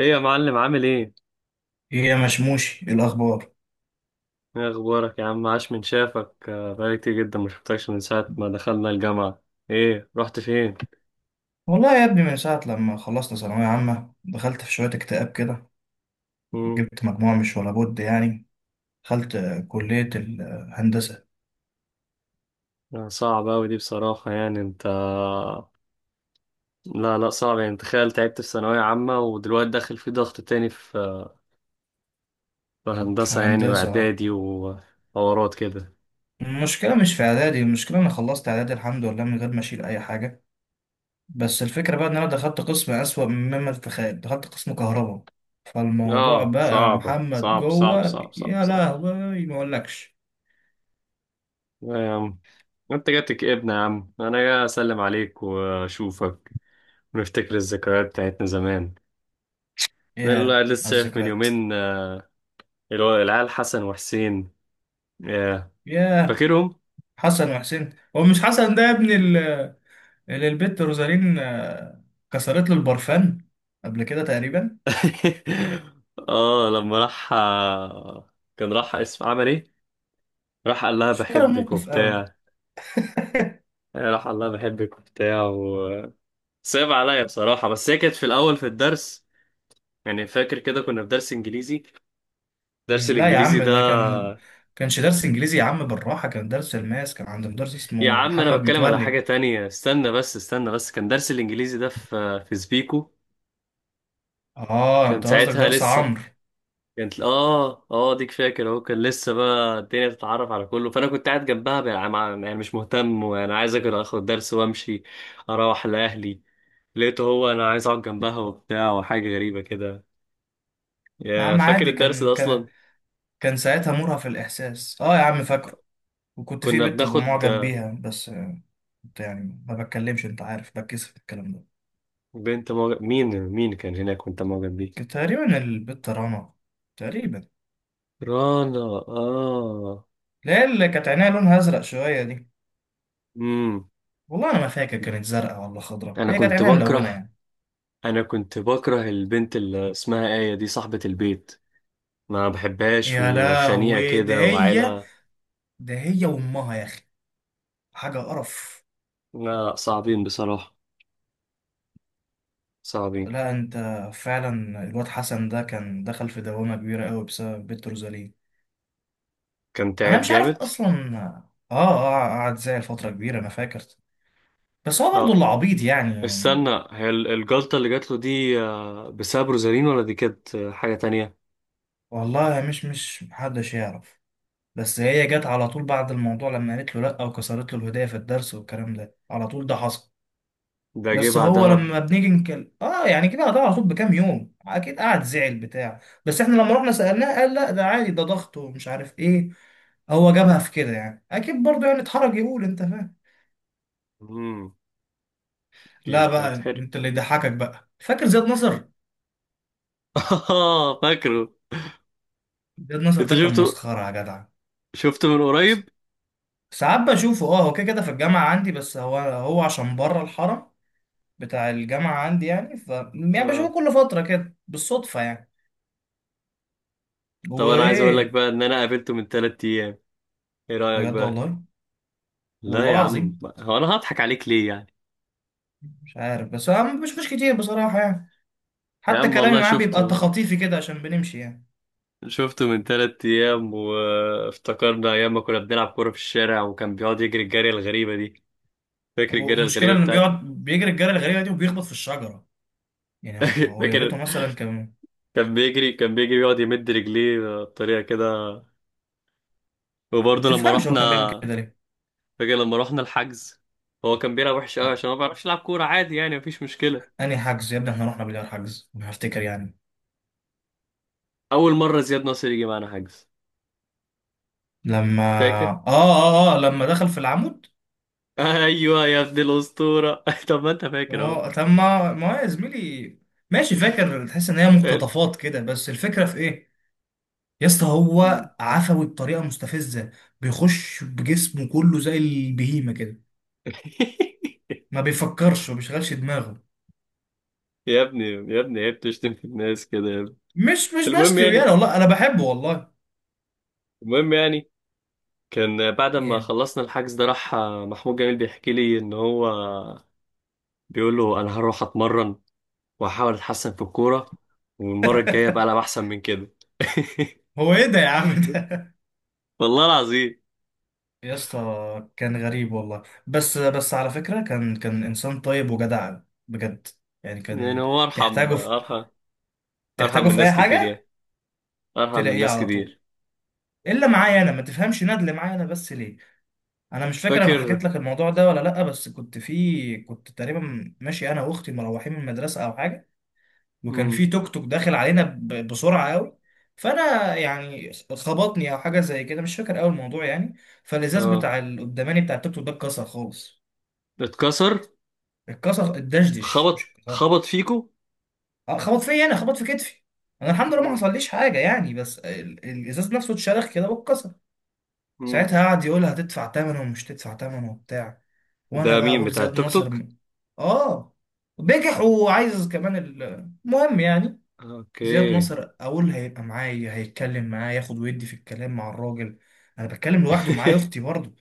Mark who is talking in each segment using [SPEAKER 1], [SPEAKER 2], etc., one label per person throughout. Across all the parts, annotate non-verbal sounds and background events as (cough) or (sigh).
[SPEAKER 1] ايه يا معلم، عامل ايه؟
[SPEAKER 2] ايه يا مشموش إيه الاخبار.
[SPEAKER 1] ايه اخبارك يا عم، عاش من شافك، بقالي كتير جدا ما شفتكش من ساعة ما دخلنا الجامعة. ايه رحت فين؟
[SPEAKER 2] والله يا ابني من ساعه لما خلصت ثانويه عامه دخلت في شويه اكتئاب كده.
[SPEAKER 1] مم.
[SPEAKER 2] جبت مجموعه مش ولا بد يعني. دخلت كليه الهندسه.
[SPEAKER 1] آه، صعب اوي دي بصراحة، يعني انت، لا لا، صعب، يعني تخيل، تعبت في ثانوية عامة ودلوقتي داخل في ضغط تاني في في
[SPEAKER 2] في
[SPEAKER 1] هندسة يعني،
[SPEAKER 2] هندسه
[SPEAKER 1] واعدادي وحوارات كده.
[SPEAKER 2] المشكله مش في اعدادي، المشكله انا خلصت اعدادي الحمد لله من غير ما اشيل اي حاجه. بس الفكره بقى ان انا دخلت قسم اسوأ مما تتخيل، دخلت قسم كهرباء. فالموضوع
[SPEAKER 1] اه،
[SPEAKER 2] بقى
[SPEAKER 1] صعبة،
[SPEAKER 2] محمد
[SPEAKER 1] صعب صعب
[SPEAKER 2] جوه
[SPEAKER 1] صعب صعب
[SPEAKER 2] يا
[SPEAKER 1] صعب.
[SPEAKER 2] لهوي ما اقولكش.
[SPEAKER 1] لا يا عم، انت جاتك ابن يا عم، انا جاي اسلم عليك واشوفك ونفتكر الذكريات بتاعتنا زمان. ده اللي
[SPEAKER 2] يا
[SPEAKER 1] الواحد لسه
[SPEAKER 2] على
[SPEAKER 1] شايف من
[SPEAKER 2] الذكريات.
[SPEAKER 1] يومين اللي هو العيال حسن وحسين. ياه.
[SPEAKER 2] ياه.
[SPEAKER 1] فاكرهم.
[SPEAKER 2] حسن وحسين، هو مش حسن ده يا ابني للبت روزالين كسرت له البرفان قبل كده تقريبا.
[SPEAKER 1] (laughs) اه، لما راح كان راح، اسم، عمل ايه، راح قال لها
[SPEAKER 2] مش فاكر
[SPEAKER 1] بحبك
[SPEAKER 2] الموقف قوي.
[SPEAKER 1] وبتاع.
[SPEAKER 2] (laughs)
[SPEAKER 1] آه، راح قال لها بحبك وبتاع، وصعب عليا بصراحة، بس هي كانت في الأول في الدرس. يعني فاكر كده كنا في درس إنجليزي، درس
[SPEAKER 2] لا يا
[SPEAKER 1] الإنجليزي
[SPEAKER 2] عم ده
[SPEAKER 1] ده.
[SPEAKER 2] كان، كانش درس انجليزي يا عم، بالراحه، كان درس الماس، كان عند مدرس
[SPEAKER 1] يا
[SPEAKER 2] اسمه
[SPEAKER 1] عم أنا
[SPEAKER 2] محمد
[SPEAKER 1] بتكلم على
[SPEAKER 2] متولي.
[SPEAKER 1] حاجة تانية، استنى بس، استنى بس، كان درس الإنجليزي ده في في سبيكو.
[SPEAKER 2] اه
[SPEAKER 1] كان
[SPEAKER 2] انت قصدك
[SPEAKER 1] ساعتها
[SPEAKER 2] درس
[SPEAKER 1] لسه،
[SPEAKER 2] عمرو.
[SPEAKER 1] كانت اه ديك، فاكر اهو، كان لسه بقى الدنيا تتعرف على كله، فانا كنت قاعد جنبها بقى يعني مش مهتم، وانا عايز اكل اخد درس وامشي اروح لاهلي. لقيته هو انا عايز اقعد جنبها وبتاع، وحاجه غريبه كده.
[SPEAKER 2] يا
[SPEAKER 1] يا
[SPEAKER 2] عم
[SPEAKER 1] فاكر
[SPEAKER 2] عادي،
[SPEAKER 1] الدرس
[SPEAKER 2] كان
[SPEAKER 1] ده
[SPEAKER 2] كان
[SPEAKER 1] اصلا؟
[SPEAKER 2] كان ساعتها مرهف الاحساس، اه يا عم فاكره. وكنت في
[SPEAKER 1] كنا
[SPEAKER 2] بنت
[SPEAKER 1] بناخد.
[SPEAKER 2] بمعجب بيها بس، كنت يعني ما بتكلمش، انت عارف بتكسف الكلام ده.
[SPEAKER 1] بنت موجب، مين كان هناك وانت معجب بيه؟
[SPEAKER 2] كانت تقريبا البت رنا، تقريبا.
[SPEAKER 1] رانا. اه.
[SPEAKER 2] لا، اللي كانت عينيها لونها ازرق شويه دي.
[SPEAKER 1] امم.
[SPEAKER 2] والله انا ما فاكر كانت زرقاء ولا خضراء،
[SPEAKER 1] انا
[SPEAKER 2] هي كانت
[SPEAKER 1] كنت
[SPEAKER 2] عينها ملونه
[SPEAKER 1] بكره،
[SPEAKER 2] يعني.
[SPEAKER 1] انا كنت بكره البنت اللي اسمها آية دي، صاحبة البيت، ما بحبهاش،
[SPEAKER 2] يا
[SPEAKER 1] وخنيقة
[SPEAKER 2] لهوي ده
[SPEAKER 1] كده،
[SPEAKER 2] هي،
[SPEAKER 1] وعيلة.
[SPEAKER 2] ده هي وامها يا اخي، حاجه قرف.
[SPEAKER 1] لا، صعبين بصراحة، صعبين.
[SPEAKER 2] لا انت، فعلا الواد حسن ده كان دخل في دوامه كبيره قوي بسبب بنت روزالين.
[SPEAKER 1] كان
[SPEAKER 2] انا
[SPEAKER 1] تعب
[SPEAKER 2] مش عارف
[SPEAKER 1] جامد.
[SPEAKER 2] اصلا. اه اه، قعد زي الفتره كبيره انا فاكر. بس هو برضه
[SPEAKER 1] اه،
[SPEAKER 2] اللي عبيط يعني يعني.
[SPEAKER 1] استنى، الجلطة اللي جات له دي بسبب روزالين، ولا دي كانت حاجة تانية؟
[SPEAKER 2] والله مش محدش يعرف. بس هي جت على طول بعد الموضوع لما قالت له لا وكسرت له الهديه في الدرس والكلام ده، على طول ده حصل.
[SPEAKER 1] ده جه
[SPEAKER 2] بس هو
[SPEAKER 1] بعدها ب-
[SPEAKER 2] لما بنيجي نكلم، اه يعني كده قطع على طول بكام يوم، اكيد قعد زعل بتاع بس احنا لما رحنا سألناه قال لا ده عادي، ده ضغط ومش عارف ايه. هو جابها في كده يعني، اكيد برضه يعني اتحرج يقول، انت فاهم.
[SPEAKER 1] مم،
[SPEAKER 2] لا
[SPEAKER 1] اكيد
[SPEAKER 2] بقى
[SPEAKER 1] هيتحرق.
[SPEAKER 2] انت اللي يضحكك بقى، فاكر زياد نصر؟
[SPEAKER 1] (laughs) فاكره.
[SPEAKER 2] زياد نصر
[SPEAKER 1] انت
[SPEAKER 2] ده كان
[SPEAKER 1] شفته؟
[SPEAKER 2] مسخرة يا جدع.
[SPEAKER 1] شفته من
[SPEAKER 2] س-
[SPEAKER 1] قريب؟
[SPEAKER 2] ساعات بشوفه، اه هو كده كده في الجامعة عندي، بس هو عشان بره الحرم بتاع الجامعة عندي يعني، ف يعني بشوفه
[SPEAKER 1] اه.
[SPEAKER 2] كل فترة كده بالصدفة يعني.
[SPEAKER 1] طب انا عايز اقول لك
[SPEAKER 2] وايه.
[SPEAKER 1] بقى ان انا قابلته من ثلاث ايام، ايه رأيك
[SPEAKER 2] بجد
[SPEAKER 1] بقى؟
[SPEAKER 2] والله؟ والله
[SPEAKER 1] لا يا عم،
[SPEAKER 2] العظيم.
[SPEAKER 1] هو انا هضحك عليك ليه يعني؟
[SPEAKER 2] مش عارف، بس هو ما بشوفوش كتير بصراحة يعني.
[SPEAKER 1] يا
[SPEAKER 2] حتى
[SPEAKER 1] عم
[SPEAKER 2] كلامي
[SPEAKER 1] والله
[SPEAKER 2] معاه بيبقى
[SPEAKER 1] شفته،
[SPEAKER 2] تخاطيفي كده عشان بنمشي يعني.
[SPEAKER 1] شفته من تلات أيام، وافتكرنا أيام ما كنا بنلعب كورة في الشارع، وكان بيقعد يجري الجري الغريبة دي. فاكر الجري
[SPEAKER 2] المشكلة
[SPEAKER 1] الغريبة
[SPEAKER 2] انه بيقعد
[SPEAKER 1] بتاعته؟
[SPEAKER 2] بيجري الجري الغريبة دي وبيخبط في الشجرة. يعني هو
[SPEAKER 1] (laughs)
[SPEAKER 2] هو يا ريته
[SPEAKER 1] فاكر.
[SPEAKER 2] مثلا كان.
[SPEAKER 1] كان بيجري يقعد يمد رجليه بطريقة كده.
[SPEAKER 2] ما
[SPEAKER 1] وبرضه لما
[SPEAKER 2] تفهمش هو
[SPEAKER 1] رحنا،
[SPEAKER 2] كان بيعمل كده ليه.
[SPEAKER 1] فاكر لما رحنا الحجز، هو كان بيلعب وحش أوي
[SPEAKER 2] أ-
[SPEAKER 1] عشان ما بيعرفش يلعب كورة عادي، يعني مفيش مشكلة.
[SPEAKER 2] انهي حجز يا ابني، احنا رحنا بالله حجز انا هفتكر يعني؟
[SPEAKER 1] أول مرة زياد ناصر يجي معانا حجز،
[SPEAKER 2] لما،
[SPEAKER 1] فاكر؟
[SPEAKER 2] اه اه اه لما دخل في العمود.
[SPEAKER 1] (laughs) أيوه يا ابن الأسطورة. (laughs) طب ما أنت فاكر أهو.
[SPEAKER 2] هو تم، ما هو يا زميلي، ماشي فاكر، تحس ان هي
[SPEAKER 1] (laughs)
[SPEAKER 2] مقتطفات كده، بس الفكرة في ايه. يا اسطى هو عفوي بطريقة مستفزة، بيخش بجسمه كله زي البهيمة كده، ما بيفكرش ما بيشغلش دماغه.
[SPEAKER 1] يا ابني، يا ابني، عيب تشتم في الناس كده يا ابني.
[SPEAKER 2] مش
[SPEAKER 1] المهم
[SPEAKER 2] بشتي يعني،
[SPEAKER 1] يعني،
[SPEAKER 2] والله انا بحبه والله.
[SPEAKER 1] المهم يعني، كان بعد ما
[SPEAKER 2] ايه.
[SPEAKER 1] خلصنا الحجز ده راح محمود جميل بيحكي لي ان هو بيقول له، انا هروح اتمرن واحاول اتحسن في الكوره، والمره الجايه بقى العب
[SPEAKER 2] (laughs)
[SPEAKER 1] احسن من كده. (laughs)
[SPEAKER 2] هو ايه ده يا عم ده.
[SPEAKER 1] والله العظيم.
[SPEAKER 2] يا اسطى كان غريب والله، بس بس على فكرة كان انسان طيب وجدع، بجد. يعني
[SPEAKER 1] يعني
[SPEAKER 2] كان،
[SPEAKER 1] هو ارحم،
[SPEAKER 2] تحتاجه في
[SPEAKER 1] ارحم ارحم
[SPEAKER 2] تحتاجه
[SPEAKER 1] من
[SPEAKER 2] في
[SPEAKER 1] ناس
[SPEAKER 2] اي
[SPEAKER 1] كتير
[SPEAKER 2] حاجة
[SPEAKER 1] يعني، ارحم من
[SPEAKER 2] تلاقيه
[SPEAKER 1] ناس
[SPEAKER 2] على طول.
[SPEAKER 1] كتير.
[SPEAKER 2] الا معايا انا ما تفهمش، ندل معايا انا بس ليه. انا مش فاكر انا حكيت
[SPEAKER 1] فاكر.
[SPEAKER 2] لك الموضوع ده ولا لا، بس كنت تقريبا ماشي انا واختي مروحين من المدرسة او حاجة، وكان
[SPEAKER 1] امم.
[SPEAKER 2] في توك توك داخل علينا بسرعه قوي. فانا يعني خبطني او حاجه زي كده، مش فاكر قوي الموضوع يعني. فالازاز
[SPEAKER 1] اه.
[SPEAKER 2] بتاع القداماني بتاع التوك توك ده اتكسر خالص.
[SPEAKER 1] اتكسر.
[SPEAKER 2] اتكسر، اتدشدش
[SPEAKER 1] خبط،
[SPEAKER 2] مش اتكسر.
[SPEAKER 1] خبط فيكو.
[SPEAKER 2] آه، خبط فيا انا، خبط في كتفي. انا الحمد لله ما
[SPEAKER 1] امم.
[SPEAKER 2] حصليش حاجه يعني، بس الازاز نفسه اتشرخ كده واتكسر.
[SPEAKER 1] امم.
[SPEAKER 2] ساعتها قعد يقول هتدفع ثمنه ومش تدفع ثمنه وبتاع، وانا
[SPEAKER 1] ده
[SPEAKER 2] بقى
[SPEAKER 1] مين
[SPEAKER 2] اقول
[SPEAKER 1] بتاع
[SPEAKER 2] زياد
[SPEAKER 1] التوك
[SPEAKER 2] نصر
[SPEAKER 1] توك؟
[SPEAKER 2] اه، بجح وعايز كمان المهم يعني.
[SPEAKER 1] اوكي.
[SPEAKER 2] زياد نصر اقول هيبقى معايا هيتكلم معايا، ياخد ويدي في الكلام مع الراجل. انا بتكلم لوحدي ومعايا
[SPEAKER 1] (laughs)
[SPEAKER 2] اختي برضه.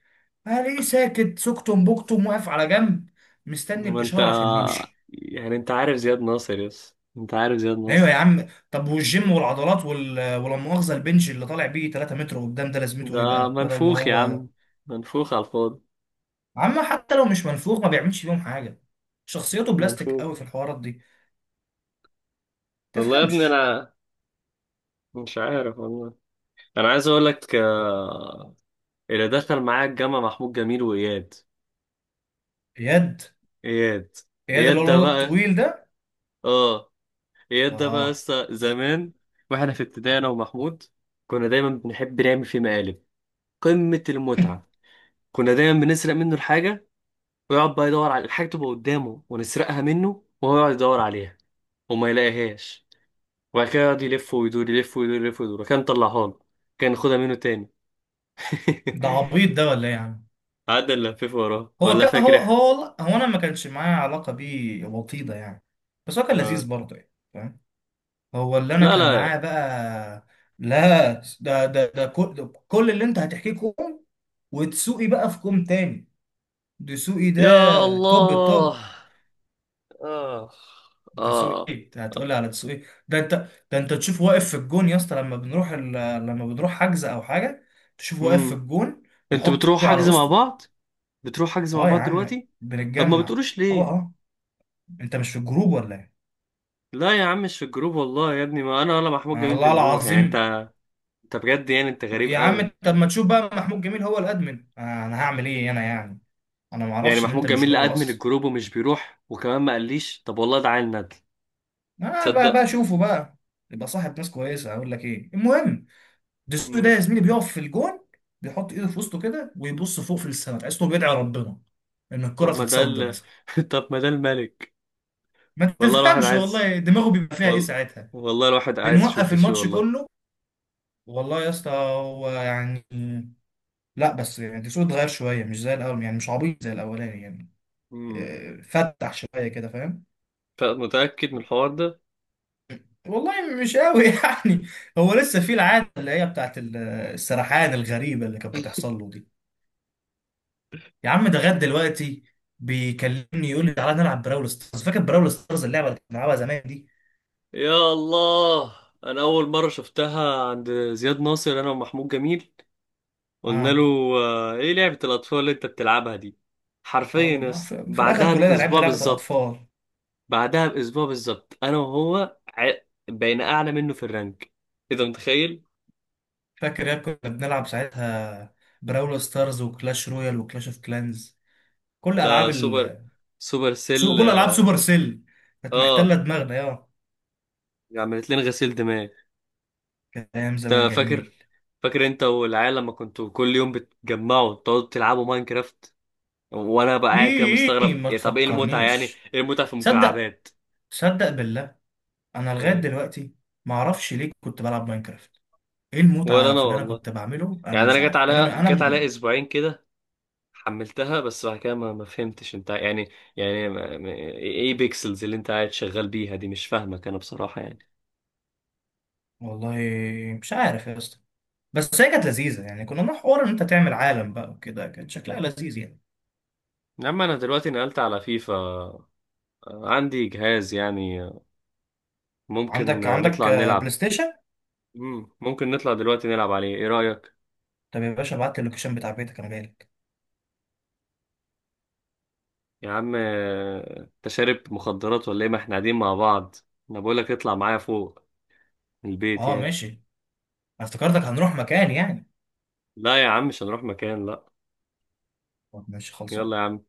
[SPEAKER 2] الاقيه ساكت سكتم بكتم واقف على جنب، مستني
[SPEAKER 1] ما انت،
[SPEAKER 2] الاشاره عشان نمشي.
[SPEAKER 1] يعني انت عارف زياد ناصر، يس انت عارف زياد
[SPEAKER 2] ايوه يا
[SPEAKER 1] ناصر.
[SPEAKER 2] عم، طب والجيم والعضلات وال... ولا مؤاخذه البنج اللي طالع بيه 3 متر قدام ده لازمته ايه
[SPEAKER 1] ده
[SPEAKER 2] بقى بدل ما
[SPEAKER 1] منفوخ يا
[SPEAKER 2] هو.
[SPEAKER 1] عم، منفوخ على الفاضي.
[SPEAKER 2] عم حتى لو مش منفوخ ما بيعملش بيهم حاجه، شخصيته بلاستيك قوي
[SPEAKER 1] منفوخ.
[SPEAKER 2] في الحوارات دي.
[SPEAKER 1] والله يا ابني
[SPEAKER 2] تفهمش.
[SPEAKER 1] انا مش عارف والله. انا عايز اقول لك اللي دخل معايا الجامعة محمود جميل واياد.
[SPEAKER 2] اياد.
[SPEAKER 1] اياد.
[SPEAKER 2] اياد اللي
[SPEAKER 1] اياد
[SPEAKER 2] هو
[SPEAKER 1] ده
[SPEAKER 2] الواد
[SPEAKER 1] بقى،
[SPEAKER 2] الطويل ده.
[SPEAKER 1] اه، اياد ده بقى
[SPEAKER 2] اه.
[SPEAKER 1] لسه زمان، واحنا في ابتدائي، انا ومحمود كنا دايما بنحب نعمل فيه مقالب، قمة المتعة. كنا دايما بنسرق منه الحاجة، ويقعد بقى يدور على الحاجة، تبقى قدامه ونسرقها منه، وهو يقعد يدور عليها وما يلاقيهاش، وبعد كده يقعد يلف ويدور، يلف ويدور، يلف ويدور. كان طلعها له، كان ياخدها منه تاني. (laughs)
[SPEAKER 2] (laughs) ده عبيط ده ولا ايه يا عم.
[SPEAKER 1] قعدنا نلفف وراه، ولا
[SPEAKER 2] هو
[SPEAKER 1] فاكر احنا؟
[SPEAKER 2] هو والله، هو انا ما كانش معايا علاقه بيه وطيده يعني، بس هو كان لذيذ
[SPEAKER 1] آه.
[SPEAKER 2] برضه يعني فاهم. هو اللي انا
[SPEAKER 1] لا
[SPEAKER 2] كان
[SPEAKER 1] لا.
[SPEAKER 2] معاه بقى. لا، ده كل، ده كل اللي انت هتحكيه كوم، وتسوقي بقى في كوم تاني. دسوقي
[SPEAKER 1] يا
[SPEAKER 2] ده، توب
[SPEAKER 1] الله.
[SPEAKER 2] التوب.
[SPEAKER 1] اه.
[SPEAKER 2] دسوقي،
[SPEAKER 1] اه.
[SPEAKER 2] انت هتقولي على دسوقي؟ ده انت ده انت تشوف واقف في الجون يا اسطى، لما بنروح ال... لما بنروح حجز او حاجه، تشوف واقف في
[SPEAKER 1] امم.
[SPEAKER 2] الجون
[SPEAKER 1] انتوا
[SPEAKER 2] يحط
[SPEAKER 1] بتروحوا
[SPEAKER 2] ايده على
[SPEAKER 1] حجز مع
[SPEAKER 2] وسطه.
[SPEAKER 1] بعض؟ بتروحوا حجز مع
[SPEAKER 2] اه يا
[SPEAKER 1] بعض
[SPEAKER 2] عم
[SPEAKER 1] دلوقتي؟ طب ما
[SPEAKER 2] بنتجمع.
[SPEAKER 1] بتقولوش
[SPEAKER 2] اه
[SPEAKER 1] ليه؟
[SPEAKER 2] اه، انت مش في الجروب ولا إيه؟
[SPEAKER 1] لا يا عم، مش في الجروب، والله يا ابني ما انا ولا محمود جميل
[SPEAKER 2] الله
[SPEAKER 1] بنروح، يعني انت،
[SPEAKER 2] العظيم.
[SPEAKER 1] انت بجد، يعني انت غريب
[SPEAKER 2] يا عم
[SPEAKER 1] قوي.
[SPEAKER 2] طب ما تشوف بقى محمود جميل هو الادمن، انا هعمل ايه انا يعني، انا ما
[SPEAKER 1] يعني
[SPEAKER 2] اعرفش ان
[SPEAKER 1] محمود
[SPEAKER 2] انت مش
[SPEAKER 1] جميل
[SPEAKER 2] جوه
[SPEAKER 1] ادمن
[SPEAKER 2] اصلا.
[SPEAKER 1] الجروب ومش بيروح، وكمان ما قاليش؟ طب والله ده عيل ندل.
[SPEAKER 2] انا بقى
[SPEAKER 1] تصدق.
[SPEAKER 2] شوفه بقى يبقى صاحب ناس كويسه. اقول لك ايه المهم، دسوقي ده
[SPEAKER 1] مم.
[SPEAKER 2] يا زميلي بيقف في الجون، بيحط ايده في وسطه كده ويبص فوق في السماء، تحسه بيدعي ربنا ان الكره
[SPEAKER 1] طب ما ده
[SPEAKER 2] تتصد مثلا.
[SPEAKER 1] (laughs) طب ما ده الملك.
[SPEAKER 2] ما
[SPEAKER 1] والله الواحد
[SPEAKER 2] تفهمش
[SPEAKER 1] عايز،
[SPEAKER 2] والله دماغه بيبقى فيها ايه
[SPEAKER 1] وال...
[SPEAKER 2] ساعتها،
[SPEAKER 1] والله الواحد عايز يشوف
[SPEAKER 2] بنوقف
[SPEAKER 1] دسوقي
[SPEAKER 2] الماتش
[SPEAKER 1] والله.
[SPEAKER 2] كله. والله يا اسطى هو يعني، لا بس يعني دسوقي اتغير شويه، مش زي الاول يعني، مش عبيط زي الاولاني يعني.
[SPEAKER 1] مم.
[SPEAKER 2] فتح شويه كده فاهم.
[SPEAKER 1] فمتأكد من الحوار ده؟
[SPEAKER 2] والله مش قوي. (laughs) يعني هو لسه في العاده اللي هي بتاعت السرحان الغريبه اللي كانت بتحصل له دي. يا عم ده غد دلوقتي بيكلمني يقول لي تعالى نلعب براول ستارز. فاكر براول ستارز اللعبه اللي كنا بنلعبها زمان دي؟
[SPEAKER 1] يا الله. انا اول مرة شفتها عند زياد ناصر، انا ومحمود جميل، قلنا
[SPEAKER 2] اه.
[SPEAKER 1] له ايه لعبة الاطفال اللي انت بتلعبها دي؟ حرفيا
[SPEAKER 2] آه،
[SPEAKER 1] يا
[SPEAKER 2] ما
[SPEAKER 1] اسطى
[SPEAKER 2] في، في الاخر
[SPEAKER 1] بعدها
[SPEAKER 2] كلنا لعبنا
[SPEAKER 1] باسبوع
[SPEAKER 2] لعبه
[SPEAKER 1] بالظبط،
[SPEAKER 2] الاطفال.
[SPEAKER 1] بعدها باسبوع بالظبط انا وهو بقينا اعلى منه في الرانك، اذا متخيل.
[SPEAKER 2] فاكر يا كنا بنلعب ساعتها براول ستارز وكلاش رويال وكلاش اوف كلانز، كل
[SPEAKER 1] ده
[SPEAKER 2] العاب
[SPEAKER 1] سوبر،
[SPEAKER 2] ال...
[SPEAKER 1] سوبر سيل،
[SPEAKER 2] كل العاب سوبر
[SPEAKER 1] اه.
[SPEAKER 2] سيل كانت محتله
[SPEAKER 1] آه،
[SPEAKER 2] دماغنا يا.
[SPEAKER 1] عملت لنا غسيل دماغ.
[SPEAKER 2] كانت ايام زمان
[SPEAKER 1] انت
[SPEAKER 2] جميل.
[SPEAKER 1] فاكر؟ فاكر انت والعيال لما كنتوا كل يوم بتجمعوا تقعدوا تلعبوا ماينكرافت، وانا بقى قاعد كده
[SPEAKER 2] ايه
[SPEAKER 1] مستغرب،
[SPEAKER 2] ما
[SPEAKER 1] يا طب ايه المتعه يعني؟
[SPEAKER 2] تفكرنيش.
[SPEAKER 1] ايه المتعه في
[SPEAKER 2] تصدق،
[SPEAKER 1] المكعبات؟
[SPEAKER 2] تصدق بالله، انا لغايه
[SPEAKER 1] ايه.
[SPEAKER 2] دلوقتي ما اعرفش ليه كنت بلعب ماينكرافت. ايه
[SPEAKER 1] ولا
[SPEAKER 2] المتعه
[SPEAKER 1] انا
[SPEAKER 2] في اللي انا
[SPEAKER 1] والله.
[SPEAKER 2] كنت بعمله، انا
[SPEAKER 1] يعني
[SPEAKER 2] مش
[SPEAKER 1] انا جت
[SPEAKER 2] عارف، انا من
[SPEAKER 1] عليا،
[SPEAKER 2] انا
[SPEAKER 1] جت عليا
[SPEAKER 2] من
[SPEAKER 1] اسبوعين كده، حملتها، بس بعد كده ما فهمتش انت يعني. يعني ايه بيكسلز اللي انت قاعد شغال بيها دي؟ مش فاهمك انا بصراحة يعني.
[SPEAKER 2] والله مش عارف يا اسطى، بس هي كانت لذيذه يعني، كنا بنروح حوار ان انت تعمل عالم بقى وكده، كانت شكلها لذيذ يعني.
[SPEAKER 1] لما انا دلوقتي نقلت على فيفا عندي جهاز يعني، ممكن
[SPEAKER 2] عندك عندك
[SPEAKER 1] نطلع
[SPEAKER 2] بلاي
[SPEAKER 1] نلعب.
[SPEAKER 2] ستيشن.
[SPEAKER 1] مم، ممكن نطلع دلوقتي نلعب عليه، ايه رأيك؟
[SPEAKER 2] طب يا باشا ابعت لي اللوكيشن بتاع بيتك انا جاي لك.
[SPEAKER 1] يا عم انت شارب مخدرات ولا ايه، ما احنا قاعدين مع بعض. انا بقولك اطلع معايا فوق، من البيت
[SPEAKER 2] اه
[SPEAKER 1] يعني.
[SPEAKER 2] ماشي، أنا افتكرتك هنروح مكان يعني.
[SPEAKER 1] لا يا عم، مش هنروح مكان، لا.
[SPEAKER 2] طب ماشي،
[SPEAKER 1] يلا
[SPEAKER 2] خلصان.
[SPEAKER 1] يا عم.